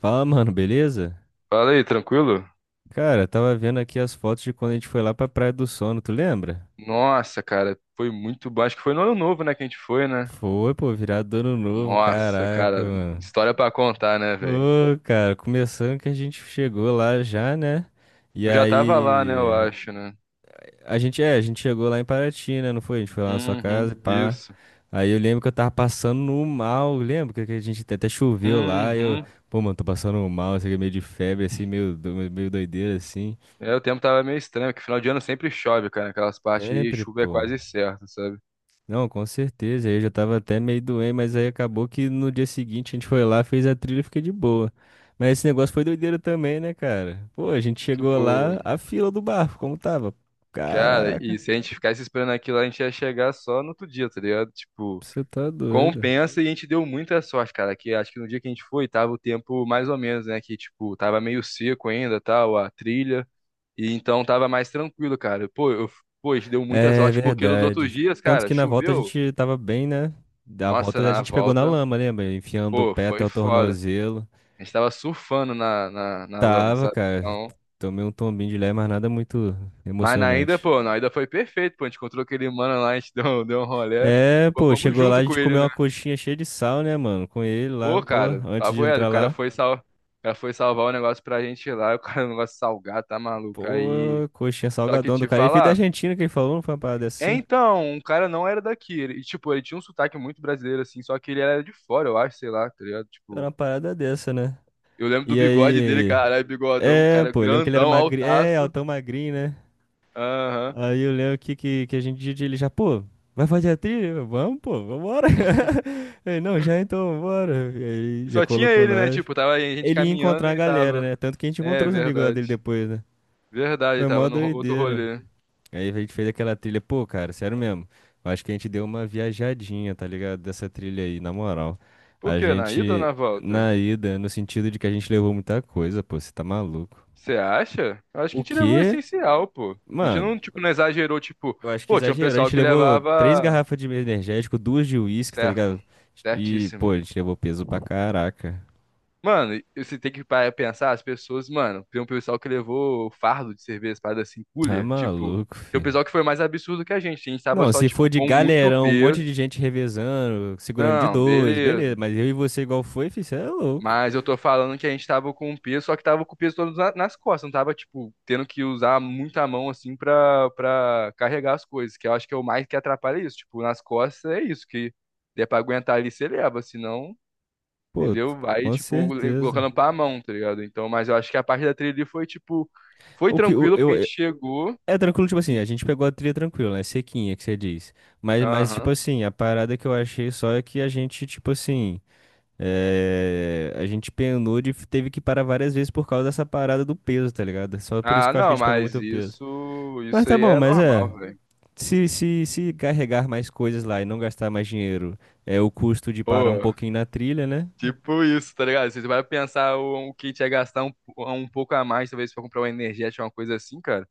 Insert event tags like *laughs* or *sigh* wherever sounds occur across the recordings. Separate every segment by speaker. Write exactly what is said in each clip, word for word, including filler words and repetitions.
Speaker 1: Fala, mano, beleza?
Speaker 2: Fala aí, tranquilo?
Speaker 1: Cara, tava vendo aqui as fotos de quando a gente foi lá pra Praia do Sono, tu lembra?
Speaker 2: Nossa, cara, foi muito bom. Acho que foi no ano novo, né, que a gente foi, né?
Speaker 1: Foi, pô, virado do ano
Speaker 2: Uhum.
Speaker 1: novo,
Speaker 2: Nossa,
Speaker 1: caraca,
Speaker 2: cara,
Speaker 1: mano.
Speaker 2: história pra contar, né, velho?
Speaker 1: Ô, cara, começando que a gente chegou lá já, né? E
Speaker 2: Eu já tava lá, né, eu
Speaker 1: aí,
Speaker 2: acho, né?
Speaker 1: a gente, é, a gente chegou lá em Paraty, né, não foi? A gente foi lá na sua casa,
Speaker 2: Uhum,
Speaker 1: e pá.
Speaker 2: isso.
Speaker 1: Aí eu lembro que eu tava passando no mal, lembro que que a gente até até choveu lá, e eu,
Speaker 2: Uhum.
Speaker 1: pô, mano, tô passando mal, isso aqui é meio de febre, assim, meio, do- meio doideira, assim.
Speaker 2: É, o tempo tava meio estranho, porque final de ano sempre chove, cara, aquelas partes aí,
Speaker 1: Sempre,
Speaker 2: chuva é
Speaker 1: pô.
Speaker 2: quase certa, sabe?
Speaker 1: Não, com certeza. Eu já tava até meio doente, mas aí acabou que no dia seguinte a gente foi lá, fez a trilha e fiquei de boa. Mas esse negócio foi doideira também, né, cara? Pô, a gente chegou
Speaker 2: Tipo,
Speaker 1: lá, a fila do barco, como tava?
Speaker 2: cara, e
Speaker 1: Caraca,
Speaker 2: se a gente ficasse esperando aquilo, lá, a gente ia chegar só no outro dia, tá ligado? Tipo.
Speaker 1: você tá doido.
Speaker 2: Compensa e a gente deu muita sorte, cara, que acho que no dia que a gente foi, tava o tempo mais ou menos, né, que tipo, tava meio seco ainda, tal, a trilha, e então tava mais tranquilo, cara. Pô, eu, pô, a gente deu muita
Speaker 1: É
Speaker 2: sorte, porque nos outros
Speaker 1: verdade.
Speaker 2: dias,
Speaker 1: Tanto
Speaker 2: cara,
Speaker 1: que na volta a
Speaker 2: choveu,
Speaker 1: gente tava bem, né? Da
Speaker 2: nossa,
Speaker 1: volta a
Speaker 2: na
Speaker 1: gente pegou na
Speaker 2: volta,
Speaker 1: lama, lembra? Enfiando o
Speaker 2: pô,
Speaker 1: pé até
Speaker 2: foi
Speaker 1: o
Speaker 2: foda.
Speaker 1: tornozelo.
Speaker 2: A gente tava surfando na, na, na lama,
Speaker 1: Tava,
Speaker 2: sabe?
Speaker 1: cara.
Speaker 2: Então,
Speaker 1: Tomei um tombinho de lé, mas nada muito
Speaker 2: mas na ainda,
Speaker 1: emocionante.
Speaker 2: pô, na ainda foi perfeito, pô, a gente encontrou aquele mano lá, a gente *laughs* deu, deu um rolé,
Speaker 1: É, pô,
Speaker 2: fomos
Speaker 1: chegou lá,
Speaker 2: junto
Speaker 1: a
Speaker 2: com
Speaker 1: gente
Speaker 2: ele,
Speaker 1: comeu
Speaker 2: né?
Speaker 1: uma coxinha cheia de sal, né, mano? Com ele lá,
Speaker 2: Pô,
Speaker 1: pô,
Speaker 2: cara,
Speaker 1: antes de
Speaker 2: papo é, o
Speaker 1: entrar
Speaker 2: cara
Speaker 1: lá.
Speaker 2: foi sal... o cara foi salvar o negócio pra gente lá, *laughs* o cara, o negócio salgado, tá maluco, aí...
Speaker 1: Pô, coxinha
Speaker 2: Só que
Speaker 1: salgadão do
Speaker 2: te
Speaker 1: cara. Ele veio da
Speaker 2: falar,
Speaker 1: Argentina que ele falou, não foi uma parada
Speaker 2: é
Speaker 1: assim?
Speaker 2: então, o cara não era daqui, ele- e tipo, ele tinha um sotaque muito brasileiro, assim, só que ele era de fora, eu acho, sei lá, tá ligado?
Speaker 1: Era
Speaker 2: Tipo,
Speaker 1: uma parada dessa, né?
Speaker 2: eu lembro do
Speaker 1: E
Speaker 2: bigode dele,
Speaker 1: aí,
Speaker 2: caralho, bigodão, um
Speaker 1: é,
Speaker 2: cara
Speaker 1: pô, eu lembro que ele era
Speaker 2: grandão,
Speaker 1: magrinho. É,
Speaker 2: altaço,
Speaker 1: altão magrinho, né?
Speaker 2: aham.
Speaker 1: Aí eu lembro que, que, que a gente disse ele já, pô, vai fazer a trilha? Eu, vamos, pô, vambora. *laughs* Ele, não, já então, bora. E aí
Speaker 2: E
Speaker 1: já
Speaker 2: só tinha
Speaker 1: colocou
Speaker 2: ele, né,
Speaker 1: nós.
Speaker 2: tipo, tava aí, a gente
Speaker 1: Ele ia
Speaker 2: caminhando
Speaker 1: encontrar
Speaker 2: e
Speaker 1: a
Speaker 2: ele
Speaker 1: galera,
Speaker 2: tava...
Speaker 1: né? Tanto que a gente
Speaker 2: É,
Speaker 1: encontrou os amigos lá dele
Speaker 2: verdade,
Speaker 1: depois, né?
Speaker 2: verdade, ele
Speaker 1: Foi
Speaker 2: tava
Speaker 1: mó
Speaker 2: no outro
Speaker 1: doideira.
Speaker 2: rolê.
Speaker 1: Aí a gente fez aquela trilha, pô, cara, sério mesmo. Eu acho que a gente deu uma viajadinha, tá ligado? Dessa trilha aí, na moral.
Speaker 2: Por
Speaker 1: A
Speaker 2: quê, na ida ou
Speaker 1: gente,
Speaker 2: na volta?
Speaker 1: na ida, no sentido de que a gente levou muita coisa, pô, você tá maluco.
Speaker 2: Você acha? Eu acho que a
Speaker 1: O
Speaker 2: gente levou o
Speaker 1: quê?
Speaker 2: essencial, pô. A gente
Speaker 1: Mano,
Speaker 2: não, tipo, não exagerou, tipo,
Speaker 1: eu acho que
Speaker 2: pô, tinha um
Speaker 1: exagerou. A
Speaker 2: pessoal
Speaker 1: gente
Speaker 2: que
Speaker 1: levou três
Speaker 2: levava
Speaker 1: garrafas de energético, duas de uísque, tá
Speaker 2: certo,
Speaker 1: ligado? E, pô,
Speaker 2: certíssimo.
Speaker 1: a gente levou peso pra caraca.
Speaker 2: Mano, e você tem que parar pra pensar, as pessoas, mano, tem um pessoal que levou fardo de cerveja, parada assim,
Speaker 1: Tá
Speaker 2: cooler, tipo,
Speaker 1: maluco,
Speaker 2: tem um
Speaker 1: fi.
Speaker 2: pessoal que foi mais absurdo que a gente, a gente tava
Speaker 1: Não,
Speaker 2: só,
Speaker 1: se
Speaker 2: tipo,
Speaker 1: for de
Speaker 2: com muito
Speaker 1: galerão, um
Speaker 2: peso.
Speaker 1: monte de gente revezando, segurando de
Speaker 2: Não,
Speaker 1: dois, beleza.
Speaker 2: beleza.
Speaker 1: Mas eu e você igual foi, fi, cê é louco.
Speaker 2: Mas eu tô falando que a gente tava com o peso, só que tava com o peso todo na- nas costas, não tava, tipo, tendo que usar muita mão, assim, pra, pra carregar as coisas, que eu acho que é o mais que atrapalha isso. Tipo, nas costas é isso, que é pra aguentar ali, você leva, senão,
Speaker 1: Pô, t-
Speaker 2: entendeu? Vai,
Speaker 1: com
Speaker 2: tipo, le-
Speaker 1: certeza.
Speaker 2: colocando pra mão, tá ligado? Então, mas eu acho que a parte da trilha ali foi, tipo, foi
Speaker 1: O que o-
Speaker 2: tranquilo, porque
Speaker 1: eu,
Speaker 2: a
Speaker 1: eu-
Speaker 2: gente chegou.
Speaker 1: é tranquilo, tipo assim, a gente pegou a trilha tranquila, né? Sequinha, que você diz. Mas, mas, tipo
Speaker 2: Aham.
Speaker 1: assim, a parada que eu achei só é que a gente, tipo assim, é, a gente penou de teve que parar várias vezes por causa dessa parada do peso, tá ligado? Só por isso
Speaker 2: Ah,
Speaker 1: que eu acho que a
Speaker 2: não,
Speaker 1: gente pegou
Speaker 2: mas
Speaker 1: muito peso.
Speaker 2: isso,
Speaker 1: Mas
Speaker 2: isso
Speaker 1: tá
Speaker 2: aí
Speaker 1: bom,
Speaker 2: é
Speaker 1: mas é.
Speaker 2: normal, velho.
Speaker 1: Se, se, se carregar mais coisas lá e não gastar mais dinheiro, é o custo de parar um
Speaker 2: Pô.
Speaker 1: pouquinho na trilha, né?
Speaker 2: Tipo isso, tá ligado? Você vai pensar o, o que a gente ia gastar um, um pouco a mais, talvez pra comprar uma energética, uma coisa assim, cara.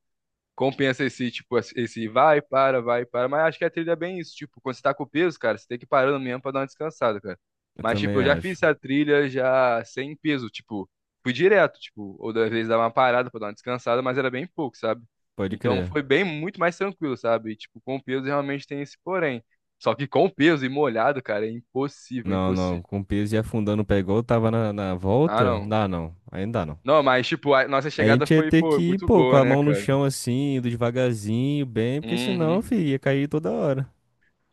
Speaker 2: Compensa esse, tipo, esse vai, para, vai, para. Mas acho que a trilha é bem isso. Tipo, quando você tá com peso, cara, você tem que ir parando mesmo pra dar uma descansada, cara.
Speaker 1: Eu
Speaker 2: Mas, tipo,
Speaker 1: também
Speaker 2: eu já
Speaker 1: acho.
Speaker 2: fiz essa trilha já sem peso, tipo, fui direto, tipo, ou às vezes dava uma parada pra dar uma descansada, mas era bem pouco, sabe?
Speaker 1: Pode
Speaker 2: Então
Speaker 1: crer.
Speaker 2: foi bem, muito mais tranquilo, sabe? E, tipo, com o peso realmente tem esse porém. Só que com o peso e molhado, cara, é impossível,
Speaker 1: Não, não.
Speaker 2: impossível.
Speaker 1: Com o piso e afundando o pé igual eu tava na, na
Speaker 2: Ah,
Speaker 1: volta,
Speaker 2: não.
Speaker 1: dá não. Ainda não.
Speaker 2: Não, mas, tipo, a nossa
Speaker 1: A
Speaker 2: chegada
Speaker 1: gente ia
Speaker 2: foi,
Speaker 1: ter
Speaker 2: pô,
Speaker 1: que ir,
Speaker 2: muito
Speaker 1: pô, com
Speaker 2: boa,
Speaker 1: a
Speaker 2: né,
Speaker 1: mão no
Speaker 2: cara?
Speaker 1: chão assim, indo devagarzinho, bem, porque senão,
Speaker 2: Uhum.
Speaker 1: filho, ia cair toda hora.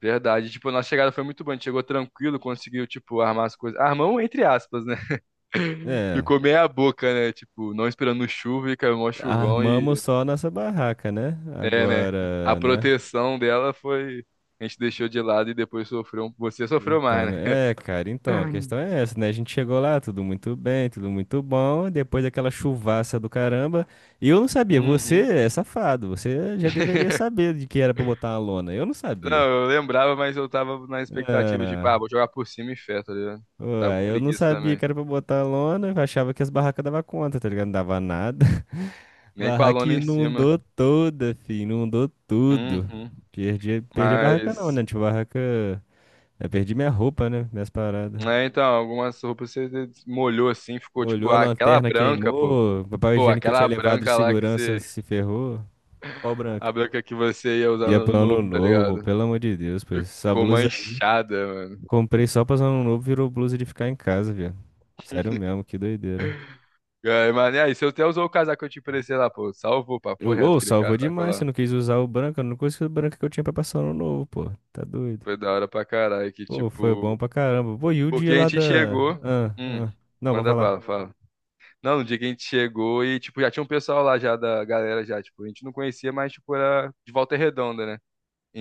Speaker 2: Verdade. Tipo, a nossa chegada foi muito boa. A gente chegou tranquilo, conseguiu, tipo, armar as coisas. Armão, entre aspas, né? *laughs*
Speaker 1: É,
Speaker 2: Ficou meia boca, né? Tipo, não esperando chuva e caiu mó chuvão
Speaker 1: armamos
Speaker 2: e.
Speaker 1: só a nossa barraca, né?
Speaker 2: É, né? A
Speaker 1: Agora, né?
Speaker 2: proteção dela foi. A gente deixou de lado e depois sofreu. um, Você sofreu
Speaker 1: Então,
Speaker 2: mais, né?
Speaker 1: né? É, cara, então, a questão
Speaker 2: *laughs*
Speaker 1: é essa, né? A gente chegou lá, tudo muito bem, tudo muito bom, depois daquela chuvaça do caramba. E eu não sabia, você
Speaker 2: Uhum.
Speaker 1: é safado, você já deveria
Speaker 2: *laughs*
Speaker 1: saber de que era pra botar uma lona. Eu não sabia.
Speaker 2: Não, eu lembrava, mas eu tava na expectativa de, pá,
Speaker 1: Ah,
Speaker 2: vou jogar por cima e fé, tá ligado? Tava com
Speaker 1: ué, eu não
Speaker 2: preguiça
Speaker 1: sabia
Speaker 2: também.
Speaker 1: que era pra botar lona, eu achava que as barracas davam conta, tá ligado? Não dava nada. *laughs*
Speaker 2: Nem com a
Speaker 1: Barraca
Speaker 2: lona em cima.
Speaker 1: inundou toda, filho, inundou tudo.
Speaker 2: Uhum.
Speaker 1: Perdi, perdi a barraca não, né?
Speaker 2: Mas,
Speaker 1: Tipo, a barraca... Eu perdi minha roupa, né? Minhas paradas.
Speaker 2: né, então, algumas roupas você molhou assim, ficou tipo,
Speaker 1: Molhou a
Speaker 2: ah, aquela
Speaker 1: lanterna,
Speaker 2: branca, pô.
Speaker 1: queimou. Papel
Speaker 2: Pô,
Speaker 1: higiênico que eu
Speaker 2: aquela
Speaker 1: tinha levado de
Speaker 2: branca lá que
Speaker 1: segurança
Speaker 2: você.
Speaker 1: se ferrou. Pau branca.
Speaker 2: A branca que você ia usar no
Speaker 1: Ia
Speaker 2: ano
Speaker 1: pro
Speaker 2: novo,
Speaker 1: ano
Speaker 2: tá
Speaker 1: novo, pô,
Speaker 2: ligado?
Speaker 1: pelo amor de Deus, pois. Essa
Speaker 2: Ficou
Speaker 1: blusa aí,
Speaker 2: manchada, mano.
Speaker 1: comprei só pra ano novo, virou blusa de ficar em casa, viado. Sério mesmo, que doideira.
Speaker 2: É, mas, e aí, você até usou o casaco que eu te emprestei lá, pô. Salvou, papo
Speaker 1: Ô,
Speaker 2: reto,
Speaker 1: ô,
Speaker 2: aquele
Speaker 1: salvou
Speaker 2: casaco
Speaker 1: demais. Você
Speaker 2: lá.
Speaker 1: não quis usar o branco. A única coisa o branco que eu tinha pra passar no novo, pô. Tá doido.
Speaker 2: Foi da hora pra caralho, que
Speaker 1: Pô, foi bom
Speaker 2: tipo.
Speaker 1: pra caramba. Pô, e o
Speaker 2: Porque
Speaker 1: dia
Speaker 2: a
Speaker 1: lá
Speaker 2: gente
Speaker 1: da.
Speaker 2: chegou.
Speaker 1: Ah,
Speaker 2: Hum,
Speaker 1: ah. Não, pra
Speaker 2: manda
Speaker 1: falar.
Speaker 2: bala, fala. Não, no dia que a gente chegou e, tipo, já tinha um pessoal lá já da galera já, tipo, a gente não conhecia, mas, tipo, era de Volta Redonda, né?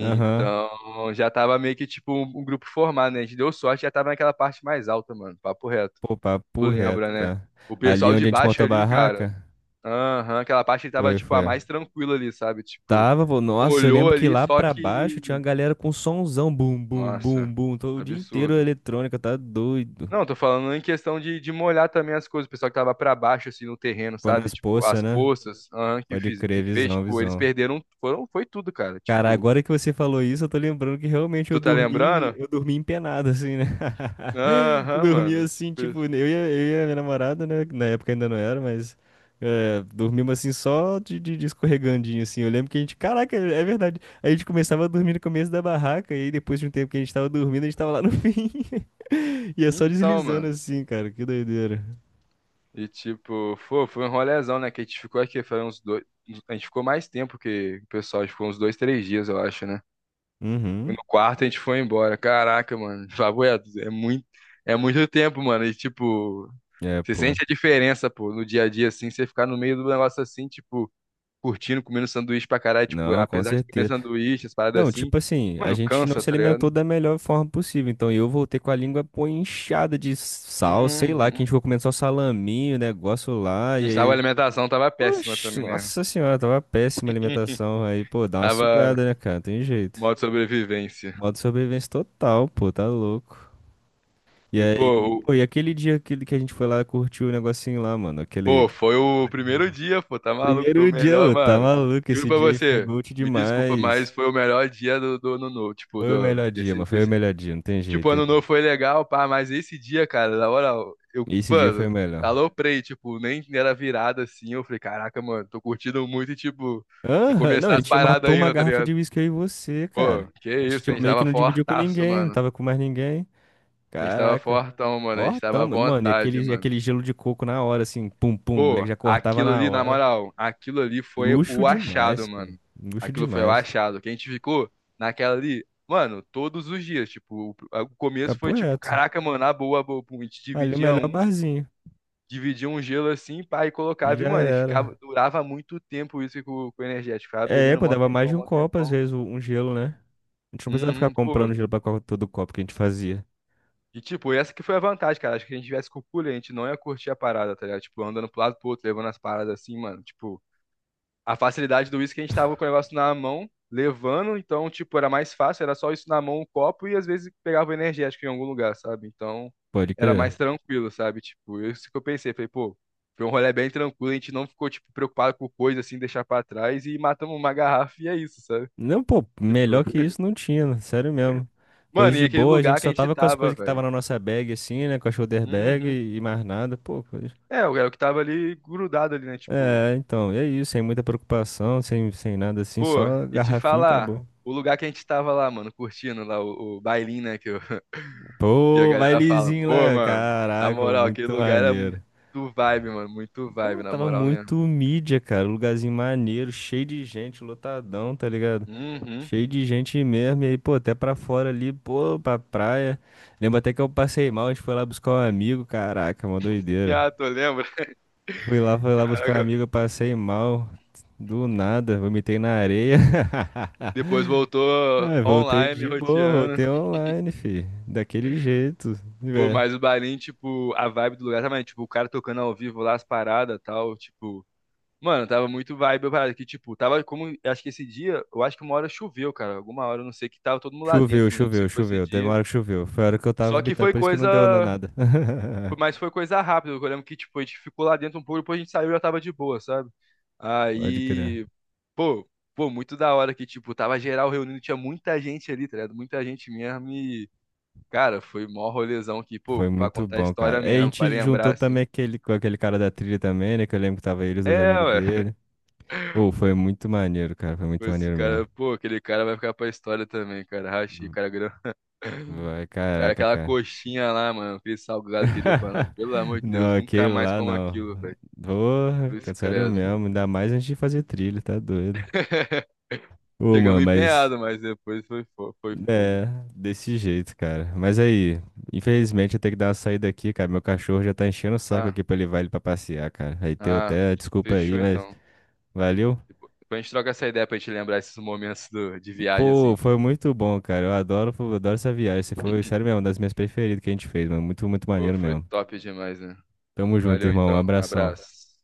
Speaker 1: Aham.
Speaker 2: já tava meio que tipo um, um grupo formado, né? A gente deu sorte, já tava naquela parte mais alta, mano. Papo reto.
Speaker 1: Pô,
Speaker 2: Tu
Speaker 1: papo reto,
Speaker 2: lembra, né?
Speaker 1: tá?
Speaker 2: O
Speaker 1: Ali
Speaker 2: pessoal de
Speaker 1: onde a gente
Speaker 2: baixo
Speaker 1: montou a
Speaker 2: ali, cara.
Speaker 1: barraca?
Speaker 2: Aham, aquela parte que tava
Speaker 1: Foi,
Speaker 2: tipo a
Speaker 1: foi.
Speaker 2: mais tranquila ali, sabe? Tipo,
Speaker 1: Tava, pô. Nossa, eu
Speaker 2: molhou
Speaker 1: lembro que
Speaker 2: ali,
Speaker 1: lá
Speaker 2: só
Speaker 1: pra baixo
Speaker 2: que.
Speaker 1: tinha uma galera com sonzão. Bum, bum,
Speaker 2: Nossa,
Speaker 1: bum, bum. Todo o dia inteiro
Speaker 2: absurdo.
Speaker 1: eletrônica, tá doido.
Speaker 2: Não, tô falando em questão de, de molhar também as coisas. O pessoal que tava pra baixo, assim, no terreno,
Speaker 1: Quando
Speaker 2: sabe?
Speaker 1: as
Speaker 2: Tipo,
Speaker 1: poças,
Speaker 2: as
Speaker 1: né?
Speaker 2: poças, aham, que,
Speaker 1: Pode
Speaker 2: fiz,
Speaker 1: crer,
Speaker 2: que fez,
Speaker 1: visão,
Speaker 2: tipo, eles
Speaker 1: visão.
Speaker 2: perderam. Foram, foi tudo, cara.
Speaker 1: Cara,
Speaker 2: Tipo,
Speaker 1: agora que você falou isso, eu tô lembrando que realmente eu
Speaker 2: tu tá
Speaker 1: dormi,
Speaker 2: lembrando?
Speaker 1: eu dormi empenado, assim, né? *laughs* Eu
Speaker 2: Aham,
Speaker 1: dormi
Speaker 2: mano.
Speaker 1: assim,
Speaker 2: Tipo,
Speaker 1: tipo, eu e a, eu e a minha namorada, né? Na época ainda não era, mas é, dormimos assim só de, de, de escorregandinho, assim. Eu lembro que a gente, caraca, é verdade. A gente começava a dormir no começo da barraca, e aí depois de um tempo que a gente tava dormindo, a gente tava lá no *laughs* fim. Ia só
Speaker 2: então,
Speaker 1: deslizando
Speaker 2: mano.
Speaker 1: assim, cara, que doideira.
Speaker 2: E tipo, foi, foi um rolezão, né? Que a gente ficou aqui, foi uns dois. A gente ficou mais tempo que o pessoal, a gente ficou uns dois, três dias, eu acho, né? No
Speaker 1: Uhum.
Speaker 2: quarto a gente foi embora. Caraca, mano. *laughs* Favoeto, é muito, é muito tempo, mano. E tipo,
Speaker 1: É,
Speaker 2: você
Speaker 1: pô.
Speaker 2: sente a diferença, pô, no dia a dia, assim, você ficar no meio do negócio assim, tipo, curtindo, comendo sanduíche pra caralho, tipo,
Speaker 1: Não, com
Speaker 2: apesar de comer
Speaker 1: certeza.
Speaker 2: sanduíche, as paradas
Speaker 1: Não,
Speaker 2: assim,
Speaker 1: tipo assim, a
Speaker 2: mano,
Speaker 1: gente não
Speaker 2: cansa,
Speaker 1: se
Speaker 2: tá
Speaker 1: alimentou
Speaker 2: ligado?
Speaker 1: da melhor forma possível. Então eu voltei com a língua pô, inchada de sal, sei lá, que
Speaker 2: Uhum.
Speaker 1: a gente ficou comendo só salaminho, negócio lá,
Speaker 2: A
Speaker 1: e
Speaker 2: gente tava, a
Speaker 1: aí.
Speaker 2: alimentação tava péssima
Speaker 1: Oxe,
Speaker 2: também, né?
Speaker 1: nossa senhora, tava péssima a alimentação. Aí, pô, dá uma
Speaker 2: Tava
Speaker 1: sugada, né, cara? Tem jeito.
Speaker 2: modo sobrevivência.
Speaker 1: Modo sobrevivência total, pô, tá louco. E
Speaker 2: E, pô,
Speaker 1: aí, pô,
Speaker 2: o-
Speaker 1: e aquele dia aquele que a gente foi lá, curtiu o negocinho lá, mano, aquele,
Speaker 2: pô,
Speaker 1: aquela
Speaker 2: foi
Speaker 1: parada
Speaker 2: o
Speaker 1: lá que
Speaker 2: primeiro
Speaker 1: rolou.
Speaker 2: dia, pô, tá maluco? Foi o
Speaker 1: Primeiro dia,
Speaker 2: melhor,
Speaker 1: ô, tá
Speaker 2: mano.
Speaker 1: maluco,
Speaker 2: Juro
Speaker 1: esse
Speaker 2: pra
Speaker 1: dia aí foi
Speaker 2: você,
Speaker 1: gold
Speaker 2: me desculpa, mas
Speaker 1: demais.
Speaker 2: foi o melhor dia do, do ano novo, tipo,
Speaker 1: Foi o
Speaker 2: do,
Speaker 1: melhor dia, mano,
Speaker 2: desse,
Speaker 1: foi o
Speaker 2: desse.
Speaker 1: melhor dia, não tem
Speaker 2: Tipo,
Speaker 1: jeito.
Speaker 2: ano novo foi legal, pá, mas esse dia, cara, na hora, eu,
Speaker 1: Esse dia foi o
Speaker 2: mano,
Speaker 1: melhor.
Speaker 2: aloprei, tipo, nem era virada assim. Eu falei, caraca, mano, tô curtindo muito e, tipo, vai
Speaker 1: Aham, não, a
Speaker 2: começar as
Speaker 1: gente
Speaker 2: paradas
Speaker 1: matou uma
Speaker 2: ainda, tá
Speaker 1: garrafa de
Speaker 2: ligado?
Speaker 1: uísque eu e você,
Speaker 2: Pô,
Speaker 1: cara.
Speaker 2: que
Speaker 1: A gente
Speaker 2: isso, a
Speaker 1: tipo,
Speaker 2: gente
Speaker 1: meio que
Speaker 2: tava
Speaker 1: não dividiu com
Speaker 2: fortaço,
Speaker 1: ninguém, não
Speaker 2: mano.
Speaker 1: tava com mais ninguém.
Speaker 2: A gente tava
Speaker 1: Caraca.
Speaker 2: fortão, mano, a
Speaker 1: Ó,
Speaker 2: gente tava à
Speaker 1: tamo, mano, e
Speaker 2: vontade,
Speaker 1: aquele, e
Speaker 2: mano.
Speaker 1: aquele gelo de coco na hora, assim, pum, pum, o moleque
Speaker 2: Pô,
Speaker 1: já cortava
Speaker 2: aquilo
Speaker 1: na
Speaker 2: ali, na
Speaker 1: hora.
Speaker 2: moral, aquilo ali foi
Speaker 1: Luxo
Speaker 2: o
Speaker 1: demais,
Speaker 2: achado,
Speaker 1: pô.
Speaker 2: mano.
Speaker 1: Luxo
Speaker 2: Aquilo foi o
Speaker 1: demais.
Speaker 2: achado. Que a gente ficou naquela ali, mano, todos os dias. Tipo, o, o começo foi
Speaker 1: Papo
Speaker 2: tipo,
Speaker 1: reto.
Speaker 2: caraca, mano, a boa, a boa. Pum, A gente
Speaker 1: Ali o
Speaker 2: dividia
Speaker 1: melhor
Speaker 2: um,
Speaker 1: barzinho.
Speaker 2: dividia um gelo assim, pá, e colocava, e,
Speaker 1: Já
Speaker 2: mano, e ficava,
Speaker 1: era.
Speaker 2: durava muito tempo isso com, com o energético. Ficava
Speaker 1: É,
Speaker 2: bebendo
Speaker 1: pô,
Speaker 2: mó
Speaker 1: dava mais
Speaker 2: tempão,
Speaker 1: de um
Speaker 2: mó
Speaker 1: copo, às
Speaker 2: tempão.
Speaker 1: vezes, um gelo, né? A gente não precisava ficar
Speaker 2: Uhum, pô.
Speaker 1: comprando gelo pra co- todo copo que a gente fazia.
Speaker 2: E tipo, essa que foi a vantagem, cara. Acho que a gente tivesse com o cooler, a gente não ia curtir a parada, tá ligado? Tipo, andando pro lado pro outro, levando as paradas assim, mano. Tipo, a facilidade do uísque, a gente tava com o negócio na mão, levando, então, tipo, era mais fácil, era só isso na mão, um copo, e às vezes pegava o energético em algum lugar, sabe? Então,
Speaker 1: Pode
Speaker 2: era
Speaker 1: crer.
Speaker 2: mais tranquilo, sabe? Tipo, é isso que eu pensei, falei, pô, foi um rolê bem tranquilo, a gente não ficou, tipo, preocupado com coisa, assim, deixar pra trás, e matamos uma garrafa, e é isso, sabe?
Speaker 1: Não, pô,
Speaker 2: Tipo,
Speaker 1: melhor que isso não tinha, né? Sério mesmo. Coisa
Speaker 2: mano, e
Speaker 1: de
Speaker 2: aquele
Speaker 1: boa, a
Speaker 2: lugar
Speaker 1: gente
Speaker 2: que a
Speaker 1: só
Speaker 2: gente
Speaker 1: tava com as
Speaker 2: tava,
Speaker 1: coisas que tava
Speaker 2: velho.
Speaker 1: na nossa bag, assim, né? Com a shoulder bag
Speaker 2: Uhum.
Speaker 1: e, e mais nada, pô. Coisa...
Speaker 2: É, o é o que tava ali grudado ali, né? Tipo,
Speaker 1: É, então, e é isso, sem muita preocupação, sem, sem nada assim,
Speaker 2: pô,
Speaker 1: só
Speaker 2: e te
Speaker 1: garrafinha e
Speaker 2: falar,
Speaker 1: acabou.
Speaker 2: o lugar que a gente tava lá, mano, curtindo lá o, o bailinho, né? Que Que a
Speaker 1: Pô,
Speaker 2: galera fala,
Speaker 1: bailezinho
Speaker 2: pô,
Speaker 1: lá,
Speaker 2: mano, na
Speaker 1: caraca,
Speaker 2: moral, aquele
Speaker 1: muito
Speaker 2: lugar era muito
Speaker 1: maneiro.
Speaker 2: vibe, mano, muito vibe,
Speaker 1: Pô,
Speaker 2: na
Speaker 1: tava
Speaker 2: moral
Speaker 1: muito
Speaker 2: mesmo.
Speaker 1: mídia, cara. Um lugarzinho maneiro, cheio de gente, lotadão, tá ligado?
Speaker 2: Uhum.
Speaker 1: Cheio de gente mesmo. E aí, pô, até pra fora ali, pô, pra praia. Lembro até que eu passei mal, a gente foi lá buscar um amigo. Caraca, uma doideira.
Speaker 2: Ah, tu lembra?
Speaker 1: Fui
Speaker 2: *laughs*
Speaker 1: lá, fui lá buscar um
Speaker 2: Caraca.
Speaker 1: amigo, eu passei mal. Do nada, vomitei na areia. *laughs*
Speaker 2: Depois voltou
Speaker 1: Ah, voltei
Speaker 2: online,
Speaker 1: de boa,
Speaker 2: roteando.
Speaker 1: voltei online, fi. Daquele jeito,
Speaker 2: Pô,
Speaker 1: né?
Speaker 2: mas o barinho, tipo, a vibe do lugar também, tipo, o cara tocando ao vivo lá as paradas e tal, tipo. Mano, tava muito vibe a parada que, tipo, tava como. Acho que esse dia, eu acho que uma hora choveu, cara. Alguma hora, eu não sei, que tava todo mundo lá
Speaker 1: Choveu,
Speaker 2: dentro, não lembro se
Speaker 1: choveu,
Speaker 2: foi esse
Speaker 1: choveu. Teve uma
Speaker 2: dia.
Speaker 1: hora que choveu. Foi a hora que eu tava
Speaker 2: Só que
Speaker 1: vomitando,
Speaker 2: foi
Speaker 1: por isso que
Speaker 2: coisa.
Speaker 1: não deu na- nada.
Speaker 2: Foi-
Speaker 1: *laughs*
Speaker 2: mas foi coisa rápida. Eu lembro que, tipo, a gente ficou lá dentro um pouco, depois a gente saiu e já tava de boa, sabe?
Speaker 1: Pode crer.
Speaker 2: Aí, pô, pô, muito da hora que, tipo, tava geral reunindo, tinha muita gente ali, tá ligado? Muita gente mesmo e, cara, foi mó rolezão aqui, pô,
Speaker 1: Foi
Speaker 2: pra
Speaker 1: muito
Speaker 2: contar a
Speaker 1: bom,
Speaker 2: história
Speaker 1: cara. E a
Speaker 2: mesmo, pra
Speaker 1: gente juntou
Speaker 2: lembrar,
Speaker 1: também
Speaker 2: assim.
Speaker 1: aquele, com aquele cara da trilha também, né? Que eu lembro que tava ele, os dois
Speaker 2: É,
Speaker 1: amigos
Speaker 2: ué.
Speaker 1: dele. Ô, foi muito maneiro, cara. Foi
Speaker 2: Pô,
Speaker 1: muito
Speaker 2: esse
Speaker 1: maneiro
Speaker 2: cara,
Speaker 1: mesmo.
Speaker 2: pô, aquele cara vai ficar pra história também, cara. Rachei, cara grande.
Speaker 1: Vai,
Speaker 2: *laughs* Cara,
Speaker 1: caraca,
Speaker 2: aquela
Speaker 1: cara.
Speaker 2: coxinha lá, mano, aquele salgado que ele deu pra nós.
Speaker 1: *laughs*
Speaker 2: Pelo amor de
Speaker 1: Não,
Speaker 2: Deus, nunca
Speaker 1: aquele
Speaker 2: mais
Speaker 1: lá
Speaker 2: como
Speaker 1: não.
Speaker 2: aquilo, velho.
Speaker 1: Porra,
Speaker 2: Cruz
Speaker 1: cara, sério
Speaker 2: credo.
Speaker 1: mesmo. Ainda mais antes de fazer trilha, tá doido.
Speaker 2: *laughs*
Speaker 1: Ô, mano,
Speaker 2: Chegamos
Speaker 1: mas.
Speaker 2: empenhado, mas depois foi, fo- foi fogo.
Speaker 1: É, desse jeito, cara. Mas aí, infelizmente eu tenho que dar uma saída aqui, cara. Meu cachorro já tá enchendo o saco
Speaker 2: Ah,
Speaker 1: aqui pra levar ele pra passear, cara. Aí teu
Speaker 2: ah,
Speaker 1: até, desculpa
Speaker 2: fechou
Speaker 1: aí, mas.
Speaker 2: então.
Speaker 1: Valeu?
Speaker 2: Depois depois a gente troca essa ideia pra gente lembrar esses momentos do- de viagem, assim,
Speaker 1: Pô,
Speaker 2: pô.
Speaker 1: foi muito bom, cara. Eu adoro, eu adoro essa viagem. Você foi, sério mesmo, uma das minhas preferidas que a gente fez, mano. Muito, muito
Speaker 2: Pô,
Speaker 1: maneiro
Speaker 2: foi
Speaker 1: mesmo.
Speaker 2: top demais, né?
Speaker 1: Tamo junto,
Speaker 2: Valeu
Speaker 1: irmão. Um
Speaker 2: então,
Speaker 1: abração.
Speaker 2: abraço.